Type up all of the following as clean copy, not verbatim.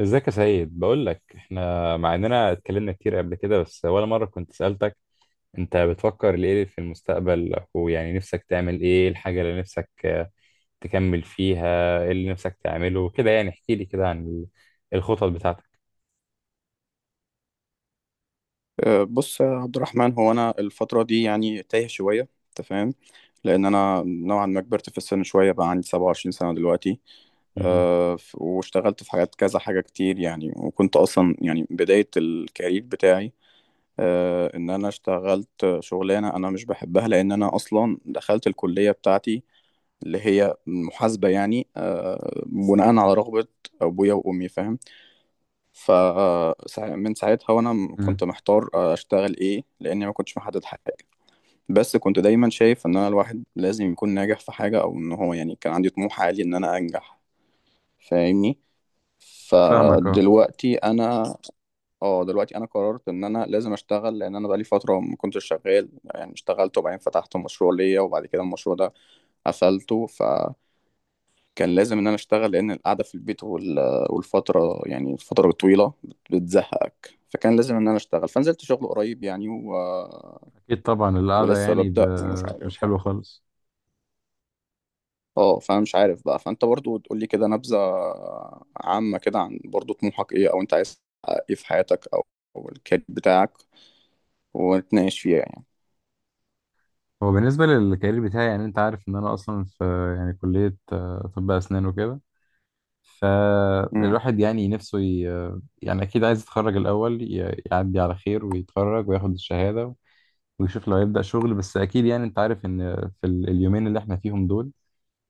ازيك يا سيد؟ بقول لك احنا مع اننا اتكلمنا كتير قبل كده، بس ولا مره كنت سالتك انت بتفكر ليه في المستقبل، ويعني نفسك تعمل ايه؟ إيه الحاجه اللي نفسك تكمل فيها؟ ايه اللي نفسك تعمله كده؟ يعني احكي لي كده عن الخطط بتاعتك. بص يا عبد الرحمن، هو انا الفتره دي يعني تايه شويه، انت فاهم؟ لان انا نوعا ما كبرت في السن شويه، بقى عندي 27 سنه دلوقتي. مهم. واشتغلت في حاجات كذا حاجه كتير يعني، وكنت اصلا يعني بدايه الكارير بتاعي، ان انا اشتغلت شغلانه انا مش بحبها، لان انا اصلا دخلت الكليه بتاعتي اللي هي محاسبه يعني بناء على رغبه ابويا وامي، فاهم؟ ف من ساعتها وانا كنت مم. محتار اشتغل ايه، لاني ما كنتش محدد حاجه. بس كنت دايما شايف ان انا الواحد لازم يكون ناجح في حاجه، او ان هو يعني كان عندي طموح عالي ان انا انجح، فاهمني؟ فاهمك، اه. فدلوقتي انا اه، دلوقتي انا قررت ان انا لازم اشتغل، لان انا بقالي فتره ما كنتش شغال يعني. اشتغلت وبعدين فتحت مشروع ليا، وبعد كده المشروع ده قفلته. كان لازم ان انا اشتغل، لان القعده في البيت والفتره يعني الفتره الطويله بتزهقك، فكان لازم ان انا اشتغل، فنزلت شغل قريب يعني اكيد طبعا، القعده ولسه ببدأ ومش مش عارف بقى. حلوه خالص. اه، فمش عارف بقى. فانت برضو تقول لي كده نبذه عامه كده عن برضو طموحك ايه، او انت عايز تحقق ايه في حياتك، او الكارير بتاعك، ونتناقش فيها يعني. هو بالنسبه للكارير بتاعي، يعني انت عارف ان انا اصلا في يعني كليه، طب اسنان وكده. امم فالواحد يعني أكيد عايز يتخرج الأول، يعدي على خير ويتخرج وياخد الشهادة ويشوف لو يبدأ شغل. بس أكيد يعني أنت عارف إن في اليومين اللي إحنا فيهم دول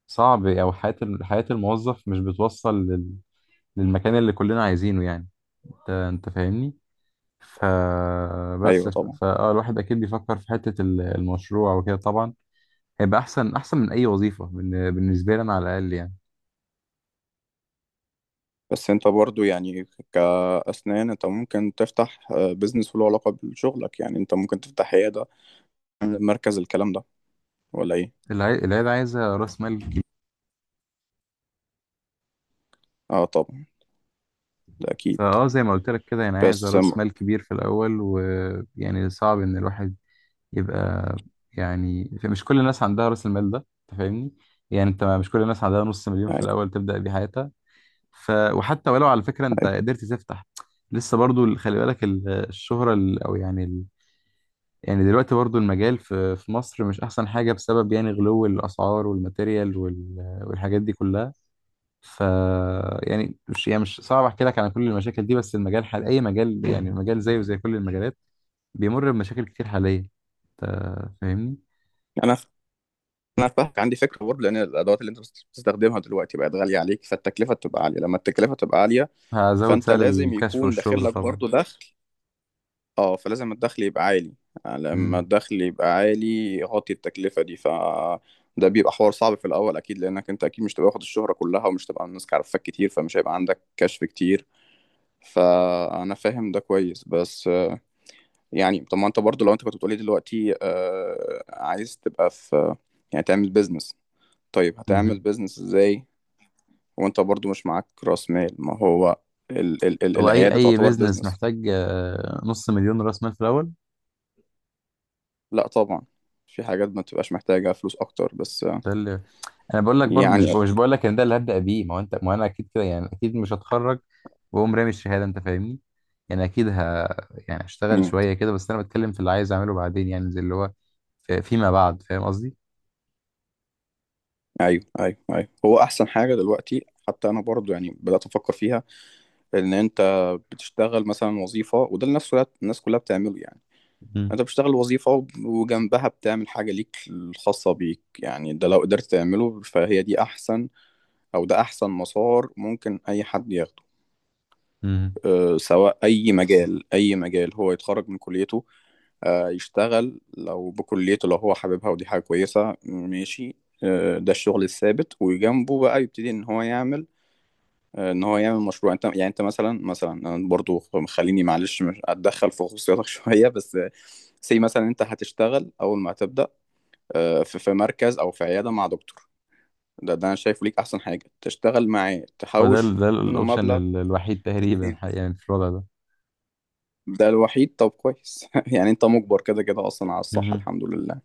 صعب، أو حياة حياة الموظف مش بتوصل للمكان اللي كلنا عايزينه يعني. أنت فاهمني؟ ايوه طبعا. فأه الواحد أكيد بيفكر في حتة المشروع وكده طبعا. هيبقى أحسن من أي وظيفة بالنسبة لي أنا على الأقل يعني. بس انت برضو يعني كأسنان، انت ممكن تفتح بيزنس له علاقة بشغلك، يعني انت ممكن تفتح عيادة، مركز، الكلام ده، ولا ايه؟ العيلة عايزة رأس مال. اه طبعا، ده اكيد. فاه زي ما قلت لك كده، يعني عايز بس راس أم- مال كبير في الاول، ويعني صعب ان الواحد يبقى. يعني مش كل الناس عندها راس المال ده، انت فاهمني؟ يعني انت مش كل الناس عندها نص مليون في أيوة، الاول تبدا بيه حياتها. ف وحتى ولو على فكره انت أيوة. قدرت تفتح، لسه برضو خلي بالك الشهره يعني دلوقتي برضو المجال في مصر مش احسن حاجه، بسبب يعني غلو الاسعار والماتيريال والحاجات دي كلها. ف يعني مش صعب احكي لك عن كل المشاكل دي، بس المجال حال اي مجال يعني مجال زيه زي كل المجالات، بيمر بمشاكل كتير حاليا. انت فاهمني؟ انا انا فاهمك، عندي فكره برضه، لان الادوات اللي انت بتستخدمها دلوقتي بقت غاليه عليك، فالتكلفه بتبقى عاليه. لما التكلفه تبقى عاليه، هزود فانت سعر لازم الكشف يكون داخل والشغل لك طبعا. برضه دخل، اه، فلازم الدخل يبقى عالي. لما امم. الدخل يبقى عالي يغطي التكلفه دي. ده بيبقى حوار صعب في الاول اكيد، لانك انت اكيد مش تبقى واخد الشهره كلها، ومش تبقى الناس عارفاك كتير، فمش هيبقى عندك كشف كتير. فانا فاهم ده كويس، بس يعني طب، ما انت برضه لو انت كنت بتقولي دلوقتي آه عايز تبقى في، يعني تعمل بيزنس، طيب هتعمل امم. بيزنس ازاي وانت برضه مش معاك راس مال؟ ما هو ال هو اي العيادة اي تعتبر بيزنس بيزنس. محتاج نص مليون راس مال في الاول. لا طبعا، في حاجات ما بتبقاش محتاجة فلوس اكتر، بس ده اللي انا بقول لك، برضو يعني. مش بقول لك ان ده اللي هبدا بيه. ما هو انت، ما انا اكيد كده يعني، اكيد مش هتخرج واقوم رامي الشهاده، انت فاهمني؟ يعني اكيد ه يعني اشتغل مم. شويه كده. بس انا بتكلم في اللي عايز اعمله بعدين، يعني زي اللي هو فيما بعد، فاهم قصدي؟ ايوه ايوه ايوه، هو احسن حاجة دلوقتي، حتى انا برضه يعني بدأت افكر فيها، ان انت بتشتغل مثلا وظيفة، وده اللي نفسه الناس كلها بتعمله يعني. مم. انت بتشتغل وظيفة، وجنبها بتعمل حاجة ليك الخاصة بيك، يعني ده لو قدرت تعمله، فهي دي احسن، او ده احسن مسار ممكن اي حد ياخده. مم. أه، سواء اي مجال، اي مجال هو يتخرج من كليته، أه يشتغل لو بكليته لو هو حاببها، ودي حاجة كويسة، ماشي. أه، ده الشغل الثابت، وجنبه بقى يبتدي ان هو يعمل، ان هو يعمل مشروع. انت يعني انت مثلا، انا برضو، خليني معلش مش اتدخل في خصوصياتك شويه، بس سي مثلا انت هتشتغل اول ما هتبدا، في مركز او في عياده مع دكتور. ده انا شايفه ليك احسن حاجه، تشتغل معاه، هو ده تحوش ده منه الاوبشن مبلغ. الوحيد تقريبا يعني في الوضع ده. ده الوحيد، طب كويس يعني انت مجبر كده كده اصلا، على الصحه، مهم. الحمد لله.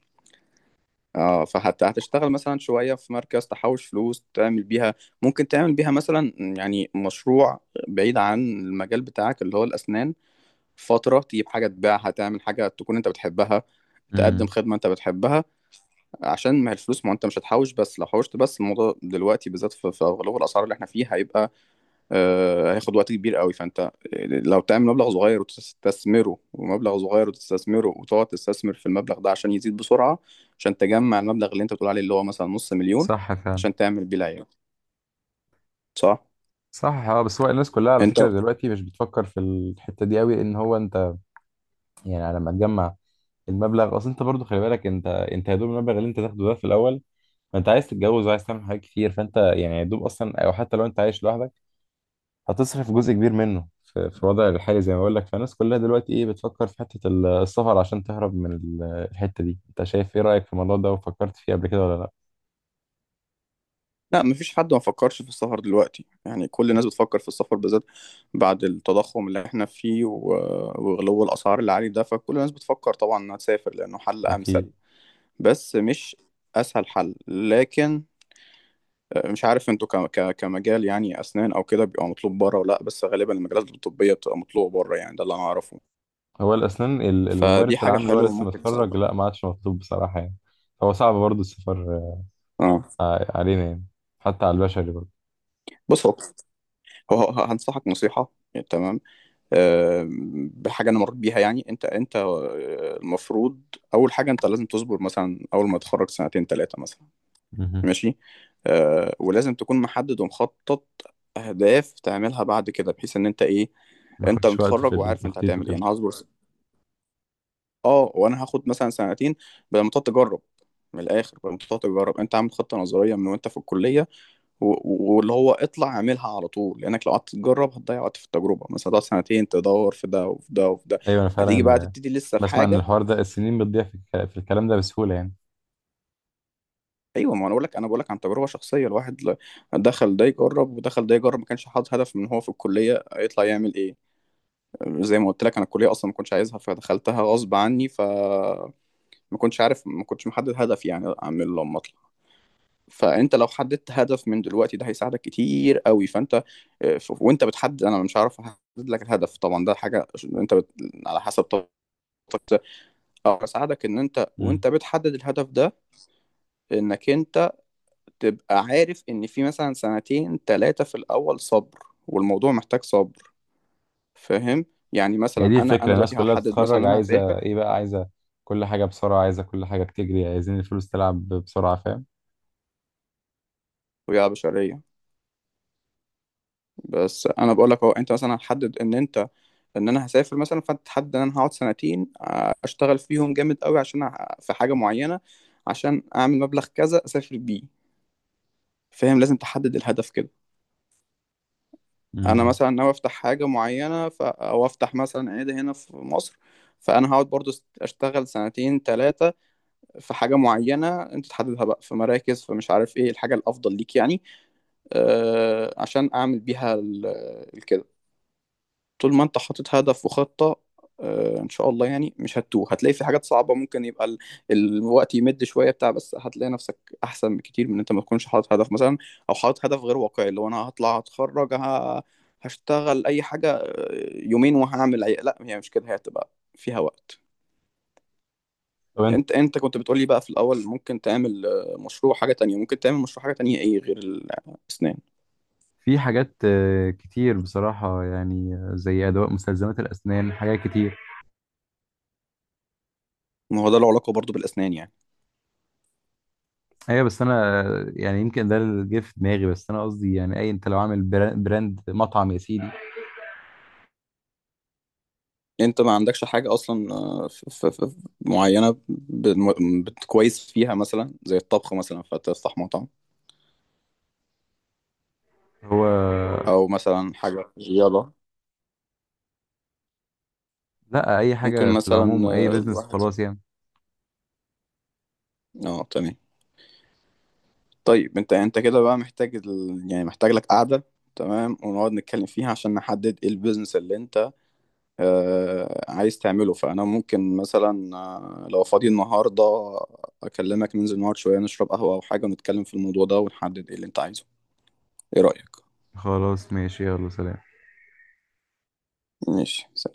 اه، فحتى هتشتغل مثلا شويه في مركز، تحوش فلوس تعمل بيها، ممكن تعمل بيها مثلا يعني مشروع بعيد عن المجال بتاعك اللي هو الاسنان، فتره تجيب حاجه تبيعها، تعمل حاجه تكون انت بتحبها، مم. تقدم امم. خدمه انت بتحبها، عشان ما هي الفلوس، ما انت مش هتحوش. بس لو حوشت، بس الموضوع دلوقتي بالذات في غلو الاسعار اللي احنا فيه، هيبقى، هياخد وقت كبير قوي. فانت لو تعمل مبلغ صغير وتستثمره، ومبلغ صغير وتستثمره، وتقعد تستثمر في المبلغ ده عشان يزيد بسرعة، عشان تجمع المبلغ اللي انت بتقول عليه، اللي هو مثلا نص مليون، صح فعلا. عشان تعمل بيه العيار. صح صح، اه. بس هو الناس كلها على انت فكره دلوقتي مش بتفكر في الحته دي قوي، لان هو انت يعني على ما تجمع المبلغ، اصل انت برضو خلي بالك، انت يا دوب المبلغ اللي انت تاخده ده في الاول، انت عايز تتجوز وعايز تعمل حاجات كتير، فانت يعني يا دوب اصلا. او حتى لو انت عايش لوحدك هتصرف جزء كبير منه في في الوضع الحالي، زي ما بقول لك. فالناس كلها دلوقتي ايه بتفكر في حتة السفر عشان تهرب من الحتة دي. انت شايف ايه رأيك في الموضوع ده، وفكرت فيه قبل كده ولا لا؟ لا، مفيش حد ما فكرش في السفر دلوقتي، يعني كل الناس بتفكر في السفر، بالذات بعد التضخم اللي احنا فيه، وغلو الأسعار اللي عليه ده، فكل الناس بتفكر طبعا إنها تسافر، لأنه حل اكيد. أمثل. بس مش أسهل حل، لكن مش عارف انتوا كمجال يعني أسنان أو كده، بيبقى مطلوب بره ولا لأ، بس غالبا المجالات الطبية بتبقى مطلوبة بره، يعني ده اللي أنا أعرفه. هو الاسنان فدي الممارس حاجة العام اللي هو حلوة لسه ممكن متخرج تساعدك. لا، ما عادش مطلوب بصراحة يعني. هو صعب برضه السفر اه، علينا يعني، حتى على البشري برضه. بص، هنصحك نصيحة، تمام، بحاجه انا مريت بيها. يعني انت المفروض اول حاجه انت لازم تصبر، مثلا اول ما تتخرج 2 3 مثلا، مهم. ماشي. ولازم تكون محدد ومخطط اهداف تعملها بعد كده، بحيث ان انت ايه، ما انت ياخدش وقت في متخرج وعارف انت التخطيط هتعمل ايه. وكده. انا هصبر اه، وانا هاخد مثلا 2، بدل ما تقعد تجرب. من الاخر، بدل ما تقعد تجرب، انت عامل خطه نظريه من وانت في الكليه، واللي هو اطلع اعملها على طول، لانك لو قعدت تجرب هتضيع وقت في التجربه، مثلا هتقعد 2 تدور في ده وفي ده وفي ده، ايوه انا هتيجي بقى فعلا تبتدي لسه في بسمع ان حاجه. الحوار ده، السنين بتضيع في في الكلام ده بسهولة يعني. ايوه، ما انا بقول لك، عن تجربه شخصيه. الواحد دخل ده يجرب ودخل ده يجرب، ما كانش حاطط هدف من هو في الكليه يطلع يعمل ايه. زي ما قلت لك، انا الكليه اصلا ما كنتش عايزها، فدخلتها غصب عني، فما كنتش عارف، ما كنتش محدد هدف يعني اعمل لما اطلع. فانت لو حددت هدف من دلوقتي، ده هيساعدك كتير قوي. فانت وانت بتحدد، انا مش عارف احدد لك الهدف طبعا، ده حاجه انت على حسب طاقتك. أقدر اساعدك ان انت مم. وانت بتحدد الهدف ده، انك انت تبقى عارف ان في مثلا 2 3 في الاول صبر، والموضوع محتاج صبر، فاهم؟ يعني هي مثلا دي انا الفكرة، انا الناس دلوقتي كلها هحدد مثلا بتتخرج إن انا هسافر، عايزة ايه؟ بقى عايزة كل حاجة بسرعة، عايزة كل حاجة بتجري، عايزين الفلوس تلعب بسرعة، فاهم؟ ويا بشريه. بس انا بقول لك اهو، انت مثلا هتحدد ان ان انا هسافر مثلا، فانت تحدد ان انا هقعد 2، اشتغل فيهم جامد قوي، عشان في حاجه معينه، عشان اعمل مبلغ كذا اسافر بيه. فاهم؟ لازم تحدد الهدف كده. انا مم. مثلا ناوي افتح حاجه معينه، او افتح مثلا عياده هنا في مصر، فانا هقعد برضو اشتغل 2 3 في حاجه معينه انت تحددها بقى في مراكز، فمش عارف ايه الحاجه الافضل ليك يعني، عشان اعمل بيها الكده. طول ما انت حاطط هدف وخطة، ان شاء الله يعني مش هتتوه، هتلاقي في حاجات صعبة ممكن يبقى الوقت يمد شوية بتاع، بس هتلاقي نفسك احسن بكتير من ان انت ما تكونش حاطط هدف مثلا، او حاطط هدف غير واقعي، اللي هو انا هطلع هتخرج هشتغل اي حاجة يومين وهعمل لا، هي مش كده، هي هتبقى فيها وقت. طب انت، انت كنت بتقولي بقى في الاول ممكن تعمل مشروع حاجة تانية، ممكن تعمل مشروع حاجة تانية، ايه غير الاسنان؟ في حاجات كتير بصراحة يعني، زي أدوات مستلزمات الأسنان، حاجات كتير. ما هو ده له علاقة برضه بالاسنان يعني. أيوة، بس أنا يعني يمكن ده اللي جه في دماغي. بس أنا قصدي يعني أي، أنت لو عامل براند مطعم يا سيدي. انت ما عندكش حاجة اصلا معينة كويس فيها، مثلا زي الطبخ مثلا، فتفتح مطعم، هو او مثلا حاجة، يلا. لأ، أي ممكن حاجة في مثلا العموم، أي بيزنس الواحد، خلاص يعني. اه تمام. طيب، انت كده بقى محتاج يعني محتاج لك قعدة، تمام، ونقعد نتكلم فيها عشان نحدد ايه البيزنس اللي انت آه عايز تعمله. فانا ممكن مثلا لو فاضي النهارده اكلمك، ننزل نقعد شوية نشرب قهوة او حاجة، ونتكلم في الموضوع ده ونحدد ايه اللي انت عايزه. ايه رأيك؟ خلاص ماشي، يلا سلام. ماشي.